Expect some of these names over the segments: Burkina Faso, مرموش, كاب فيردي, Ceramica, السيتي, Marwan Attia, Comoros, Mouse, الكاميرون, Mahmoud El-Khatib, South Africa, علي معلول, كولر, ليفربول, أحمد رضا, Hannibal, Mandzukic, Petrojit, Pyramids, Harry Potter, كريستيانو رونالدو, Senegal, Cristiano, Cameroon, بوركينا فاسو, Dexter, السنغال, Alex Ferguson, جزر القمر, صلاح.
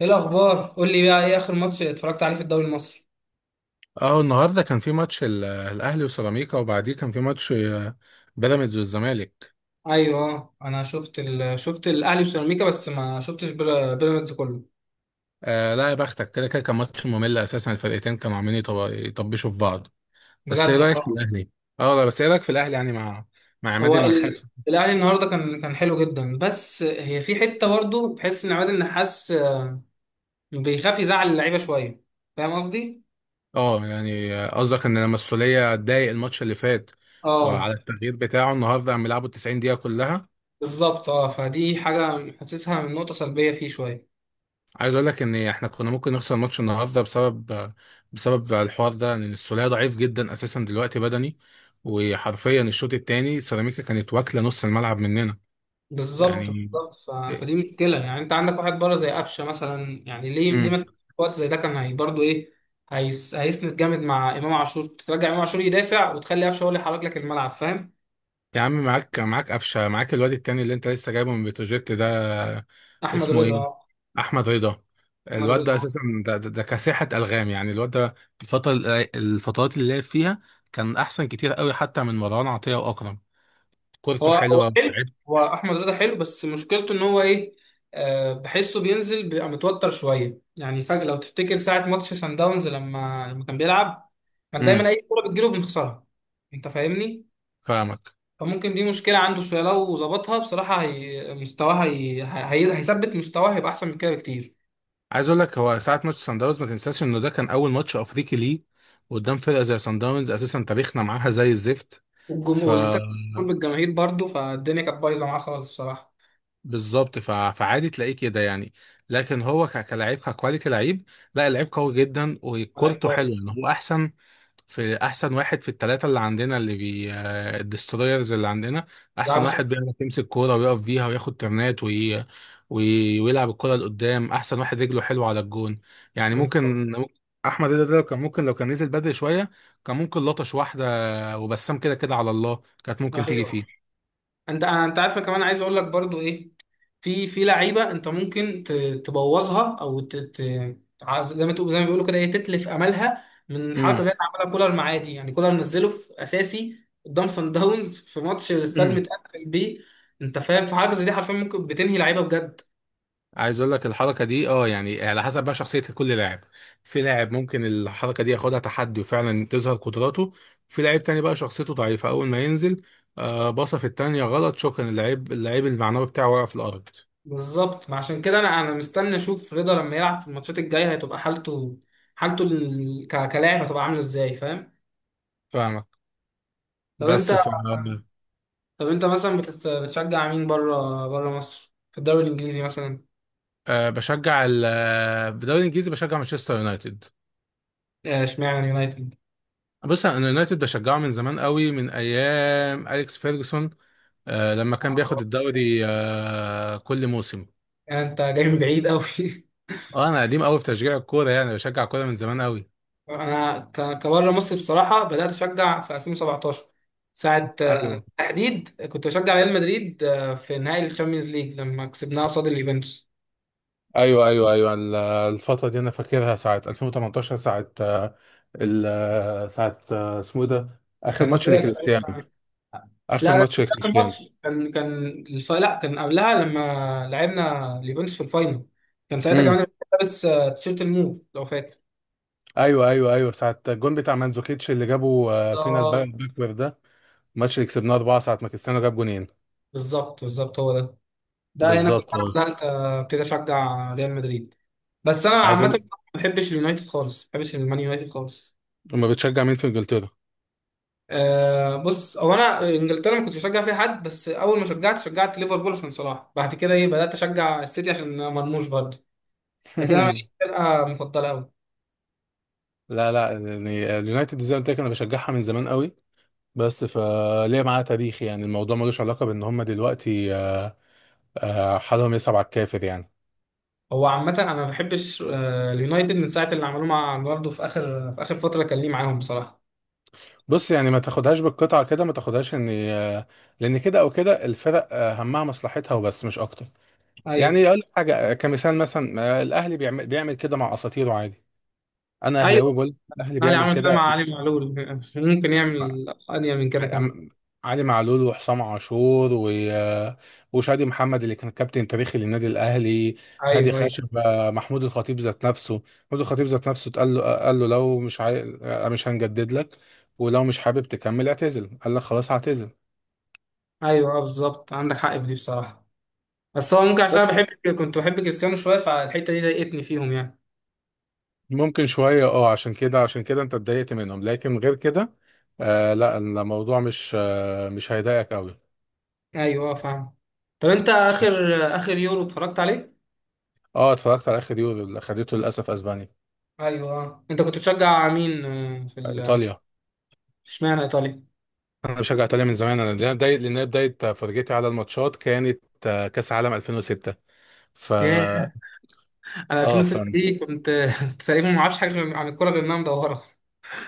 ايه الاخبار؟ قول لي بقى، ايه اخر ماتش اتفرجت عليه في الدوري المصري؟ اه النهارده كان في ماتش الاهلي وسيراميكا، وبعديه كان في ماتش بيراميدز والزمالك. ايوه آه. انا شوفت شفت الاهلي وسيراميكا، بس ما شفتش بيراميدز كله. لا يا بختك، كده كده كان ماتش ممل اساسا. الفرقتين كانوا عاملين يطبشوا في بعض. بس ايه بجد رايك في والله. الاهلي؟ اه لا، بس ايه رايك في الاهلي يعني مع عماد هو النحاس؟ الاهلي النهارده كان حلو جدا، بس هي في حته برضه بحس ان عماد النحاس بيخاف يزعل اللعيبه شويه. فاهم قصدي؟ اه يعني قصدك ان لما السوليه اتضايق الماتش اللي فات على اه التغيير بتاعه؟ النهارده عم يلعبوا 90 دقيقه كلها. بالظبط، اه فدي حاجه حاسسها من نقطه سلبيه فيه شويه. عايز اقول لك ان احنا كنا ممكن نخسر ماتش النهارده بسبب الحوار ده، ان السوليه ضعيف جدا اساسا دلوقتي بدني. وحرفيا الشوط الثاني سيراميكا كانت واكله نص الملعب مننا. بالظبط يعني بالظبط، فدي مشكله. يعني انت عندك واحد بره زي قفشه مثلا، يعني ليه امم ما في وقت زي ده؟ كان هي برضه ايه، هيسند جامد مع امام عاشور، ترجع امام عاشور يدافع وتخلي قفشه هو اللي يحرك لك الملعب. فاهم؟ يا عم، معاك معاك قفشه، معاك الواد التاني اللي انت لسه جايبه من بتروجيت ده. احمد اسمه ايه؟ رضا. احمد رضا. احمد الواد ده رضا. اساسا، ده كساحه الغام يعني الواد ده. الفتره الفترات اللي لعب فيها كان احسن كتير قوي حتى من مروان عطيه واكرم. كورته هو حلوه. حلو. هو احمد رضا حلو، بس مشكلته ان هو ايه، بحسه بينزل بيبقى متوتر شويه يعني فجاه. لو تفتكر ساعه ماتش سان داونز، لما كان بيلعب كان دايما اي كوره بتجيله بنخسرها. انت فاهمني؟ فاهمك. فممكن دي مشكلة عنده شوية، لو ظبطها بصراحة هي مستواه، هيثبت مستواه، هيبقى أحسن من كده بكتير. عايز اقول لك، هو ساعه ماتش سان داونز ما تنساش انه ده كان اول ماتش افريقي ليه قدام فرقه زي سان داونز. اساسا تاريخنا معاها زي الزفت. ف والاستاد مليان بالجماهير برضه، فالدنيا كانت بايظة معاه خالص بصراحة. بالظبط. فعادي تلاقيه كده يعني. لكن هو كلاعب، ككواليتي لعيب. لا، اللعيب قوي جدا، لعيب وكورته حلوه. كويس. يعني هو احسن في، احسن واحد في الثلاثه اللي عندنا، اللي بي آه، الدسترويرز اللي عندنا. لعب. احسن واحد بيعرف يمسك كوره ويقف فيها وياخد ترنات ويلعب الكوره لقدام. احسن واحد رجله حلوه على الجون يعني. بالظبط. ممكن احمد رضا ده لو كان ممكن، لو كان نزل بدري شويه كان ممكن لطش واحده. وبسام كده كده على الله كانت ممكن تيجي أيوه. فيه. انت عارفه كمان، عايز اقول لك برضو ايه، في لعيبه انت ممكن ت- تبوظها او ت... ت... عايز- زي ما تقول، زي ما بيقولوا كده، ايه، تتلف املها من حركه زي اللي عملها كولر معاه دي. يعني كولر نزله في اساسي قدام سان داونز في ماتش الاستاد امم متقفل بيه. انت فاهم؟ في حاجه زي دي حرفيا ممكن بتنهي لعيبه بجد. عايز اقول لك الحركه دي، اه يعني على حسب بقى شخصيه كل لاعب. في لاعب ممكن الحركه دي ياخدها تحدي وفعلا تظهر قدراته. في لاعب تاني بقى شخصيته ضعيفه، اول ما ينزل باصه في التانيه غلط، شكرا، اللعيب، المعنوي بتاعه وقع في الارض. بالظبط، ما عشان كده انا مستني اشوف رضا لما يلعب في الماتشات الجايه هتبقى حالته، كلاعب هتبقى عامله ازاي. فاهم؟ فاهمك. طب انت، بس ف مثلا بتشجع مين بره مصر، في الدوري الانجليزي مثلا؟ آه بشجع ال آه، في الدوري الانجليزي بشجع مانشستر يونايتد. اشمعنى يونايتد؟ بص، انا يونايتد بشجعه من زمان قوي، من ايام اليكس فيرجسون، آه، لما كان بياخد آه، الدوري آه كل موسم. انت جاي من بعيد قوي اه، انا قديم قوي في تشجيع الكوره يعني، بشجع كوره من زمان قوي. انا كبره مصر بصراحه بدات اشجع في 2017. ساعه ايوه، تحديد كنت بشجع ريال مدريد في نهائي الشامبيونز ليج لما كسبناه قصاد اليوفنتوس. ايوه، ايوه، ايوه، الفتره دي انا فاكرها ساعه 2018، ساعه آه، ال آه، ساعه اسمه ايه ده، اخر كان ماتش هي لكريستيانو. ساعتها- اخر لا، ده كان ماتش مش آخر لكريستيانو ماتش. لا، كان قبلها لما لعبنا اليوفنتوس في الفاينل. كان ساعتها امم كمان لابس تيشيرت الموف لو فاكر. ايوه، ايوه، ايوه، ساعه الجون بتاع مانزوكيتش اللي جابه فينا، الباكور ده، الماتش اللي كسبناه 4 ساعه ما كريستيانو جاب جونين. بالظبط بالظبط، هو ده. ده هنا كنت بالظبط اه. انا بدات ابتدي اشجع ريال مدريد. بس انا عايز عامه ما اقول: بحبش اليونايتد خالص، ما بحبش المان يونايتد خالص. لما بتشجع مين في انجلترا؟ بص، هو انا انجلترا ما كنتش بشجع فيها حد، بس اول ما شجعت شجعت ليفربول عشان صلاح، بعد كده ايه بدات اشجع السيتي عشان مرموش برضه. لكن انا ماليش فرقه مفضله قوي. لا، لا، يعني اليونايتد زي ما قلت لك انا بشجعها من زمان قوي. بس فليه معاه تاريخ يعني، الموضوع ملوش علاقة بان هم دلوقتي حالهم يصعب على الكافر يعني. هو عامه انا ما بحبش اليونايتد من ساعه اللي عملوه مع برضه في اخر، فتره كان ليه معاهم بصراحه. بص، يعني ما تاخدهاش بالقطعة كده، ما تاخدهاش ان لان كده او كده الفرق، همها مصلحتها وبس، مش اكتر. ايوه. يعني اقول لك حاجة كمثال، مثلا الاهلي بيعمل كده مع اساطيره عادي. انا اهلاوي ايوه، بقول الاهلي الاهلي بيعمل عمل كده كده. مع علي معلول. ممكن يعمل انيا من كده كمان. عم- علي معلول وحسام عاشور وشادي محمد اللي كان كابتن تاريخي للنادي الاهلي. هادي ايوه، ايوه، خاشبة. محمود الخطيب ذات نفسه. محمود الخطيب ذات نفسه اتقال له، قال له لو مش عاي... آه، مش هنجدد لك، ولو مش حابب تكمل اعتزل، قال لك خلاص هعتزل. ايوه، بالظبط عندك حق في دي بصراحه. بس هو ممكن، عشان انا بس بحب، كنت بحب كريستيانو شويه، فالحته دي ضايقتني فيهم يعني. ممكن شوية اه، عشان كده انت اتضايقت منهم، لكن غير كده لا، الموضوع مش مش هيضايقك قوي. ايوه فاهم. طب انت اخر، يورو اتفرجت عليه؟ اه، اتفرجت على اخر يورو اللي خدته للاسف اسبانيا. ايوه آه. انت كنت بتشجع مين في ايطاليا. اشمعنى ايطاليا؟ انا بشجع ايطاليا من زمان، انا لان بدايه فرجتي على الماتشات كانت كاس عالم 2006. ف ياه، انا اه ف 2006 دي كنت كنت تقريبا ما اعرفش حاجه عن الكوره غير انها مدوره.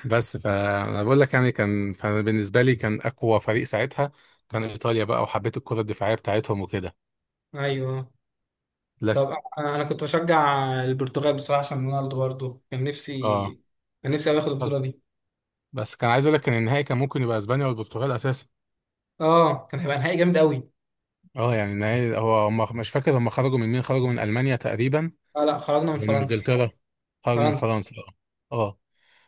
بس فانا بقول لك يعني، كان فبالنسبه لي كان اقوى فريق ساعتها كان ايطاليا بقى. وحبيت الكره الدفاعيه بتاعتهم وكده. ايوه آه. طب لكن انا، كنت بشجع البرتغال بصراحه عشان رونالدو برضه. كان اه. نفسي، كان نفسي أوي اخد آه. البطوله دي. بس كان عايز اقول لك ان النهائي كان ممكن يبقى اسبانيا والبرتغال اساسا. اه، كان هيبقى نهائي جامد قوي. اه يعني النهائي، هو هم مش فاكر هم خرجوا من مين، خرجوا من المانيا تقريبا لا، لا، خرجنا من ومن فرنسا. انجلترا. خرجوا من فرنسا. فرنسا. اه. آه.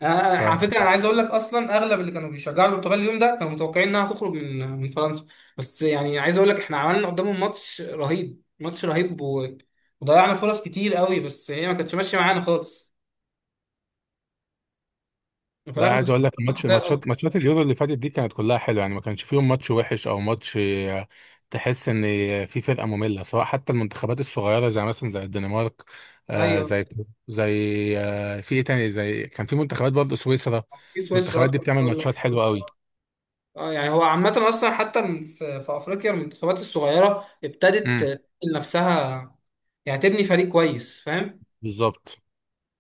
آه، ف على فكره انا عايز اقول لك اصلا اغلب اللي كانوا بيشجعوا البرتغال اليوم ده كانوا متوقعين انها تخرج من، فرنسا. بس يعني عايز اقول لك احنا عملنا قدامهم ماتش رهيب، ماتش رهيب، وضيعنا فرص كتير قوي، بس هي ما كانتش ماشيه معانا خالص، وفي لا، الاخر عايز اقول لك خسرنا زي الأرض. الماتشات، ماتشات اليورو اللي فاتت دي كانت كلها حلوه، يعني ما كانش فيهم ماتش وحش او ماتش تحس ان في فرقه ممله، سواء حتى المنتخبات الصغيره زي مثلا زي الدنمارك، آه ايوه. زي زي آه في ايه تاني، زي كان في منتخبات برضه سويسرا. في سويسرا المنتخبات دي اكتر بتعمل بقول لك. ماتشات حلوه قوي. اه يعني هو عامه اصلا حتى في افريقيا المنتخبات الصغيره ابتدت امم تبني نفسها. يعني تبني فريق كويس، فاهم؟ بالظبط.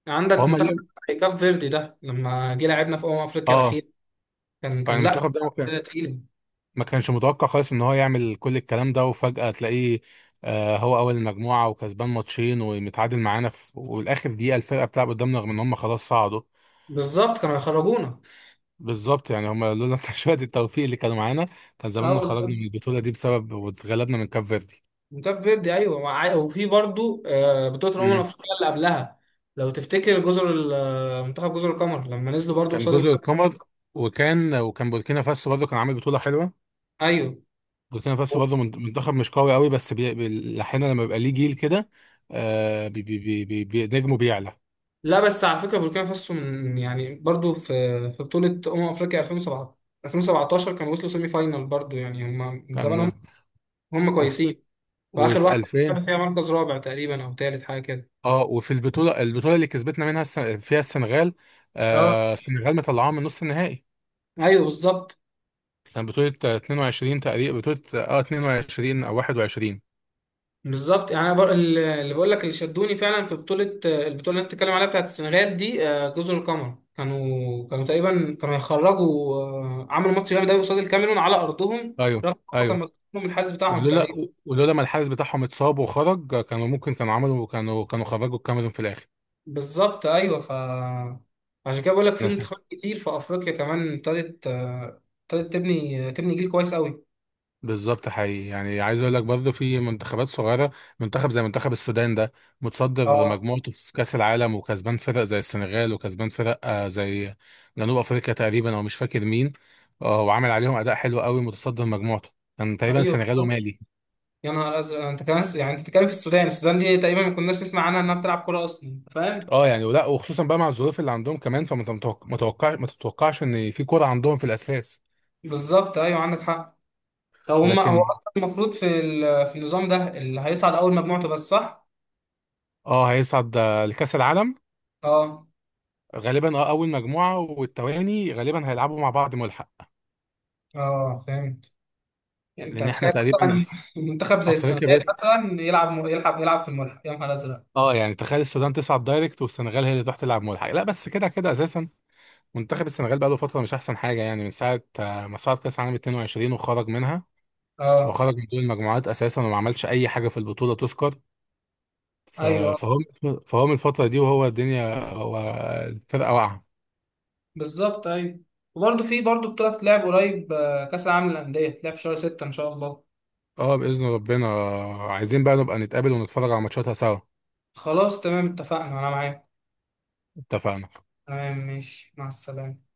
عندك وهم منتخب اليوم زي كاب فيردي ده، لما جه لعبنا في افريقيا اه، الاخيره كان يعني كان لا، المنتخب ده فرقة تقيلة. ما كانش متوقع خالص ان هو يعمل كل الكلام ده. وفجأة تلاقيه هو اول المجموعة، وكسبان ماتشين، ومتعادل معانا في والاخر دقيقة، الفرقة بتلعب قدامنا رغم ان هم خلاص صعدوا. بالظبط، كانوا هيخرجونا. بالظبط. يعني هم لولا شوية التوفيق اللي كانوا معانا كان اه زماننا خرجنا والله. من البطولة دي بسبب، واتغلبنا من كاب فيردي. كاب فيردي، ايوه، وفي برضو بطولة الأمم مم. الأفريقية اللي قبلها، لو تفتكر جزر منتخب جزر القمر لما نزلوا برضو كان قصاد جزر الكاميرون. القمر. وكان بوركينا فاسو برضه كان عامل بطولة حلوة. ايوه. بوركينا فاسو برضه منتخب مش قوي قوي، بس احيانا لما بيبقى ليه جيل كده نجمه بيعلى. لا، بس على فكرة بوركينا فاسو من يعني برضو في، بطولة أمم أفريقيا 2017. 2017 كانوا وصلوا سيمي فاينال برضو، يعني هم من زمان، هم كان هم وف- كويسين. وآخر وفي واحدة خدوا 2000، فيها مركز رابع تقريبا أو تالت حاجة كده. اه، وفي البطوله اللي كسبتنا منها فيها السنغال. اه. آه، السنغال مطلعاها من نص النهائي. ايوه بالظبط. كان بطوله 22 تقريبا، بطوله اه 22 او 21. بالظبط، يعني أنا اللي بقول لك اللي شدوني فعلا في بطوله، البطوله اللي انت بتتكلم عليها بتاعت السنغال دي جزر القمر كانوا، تقريبا كانوا هيخرجوا، عملوا ماتش جامد قوي قصاد الكاميرون على ارضهم، ايوه، رغم إن هم ايوه. كانوا مكسوبين من الحارس بتاعهم ولولا تقريبا. ولولا ما الحارس بتاعهم اتصاب وخرج كانوا ممكن، كانوا عملوا كانوا كانوا خرجوا الكاميرون في الاخر. بالظبط، ايوه. ف عشان كده بقول لك في منتخبات كتير في افريقيا كمان ابتدت، تبني، جيل كويس قوي. بالظبط، حقيقي. يعني عايز اقول لك برضه في منتخبات صغيره، منتخب زي منتخب السودان ده متصدر اه. مجموعته في كاس العالم، وكسبان فرق زي السنغال، وكسبان فرق زي جنوب افريقيا تقريبا، او مش فاكر مين. وعامل عليهم اداء حلو قوي، متصدر مجموعته. كان تقريبا ايوه السنغال بالظبط. ومالي. يا نهار ازرق. يعني انت كمان، يعني انت بتتكلم في السودان. السودان دي تقريبا ما كناش نسمع عنها انها بتلعب كوره اصلا، فاهم؟ اه، يعني ولا، وخصوصا بقى مع الظروف اللي عندهم كمان، فما تتوقع، ما تتوقعش ان في كوره عندهم في الاساس. بالظبط، ايوه، عندك حق. لو هم، هو لكن اصلا المفروض في في النظام ده اللي هيصعد اول مجموعته بس، صح؟ اه، هيصعد لكاس العالم اه. غالبا. اه اول مجموعه، والتواني غالبا هيلعبوا مع بعض ملحق. اه فهمت. يعني انت لان احنا هتخيل تقريبا مثلا منتخب زي افريقيا السنغال بقت مثلا يلعب، في الملعب. يا نهار ازرق. اه يعني. تخيل السودان تصعد دايركت والسنغال هي اللي تروح تلعب ملحق؟ لا، بس كده كده اساسا منتخب السنغال بقاله فتره مش احسن حاجه، يعني من ساعه ما صعد كاس عالم 22 وخرج منها، اه وخرج من دور المجموعات اساسا، وما عملش اي حاجه في البطوله تذكر. ف- ايوه فهو فهو من الفتره دي، وهو الدنيا الفرقه واقعه. بالظبط. ايوه، وبرضه في برضه بطولة تلعب قريب كأس العالم للأندية تلعب في شهر ستة إن شاء الله. اه باذن ربنا، عايزين بقى نبقى نتقابل ونتفرج على ماتشاتها سوا. خلاص، تمام، اتفقنا، أنا معاك. اتفقنا. تمام، ماشي، مع السلامة.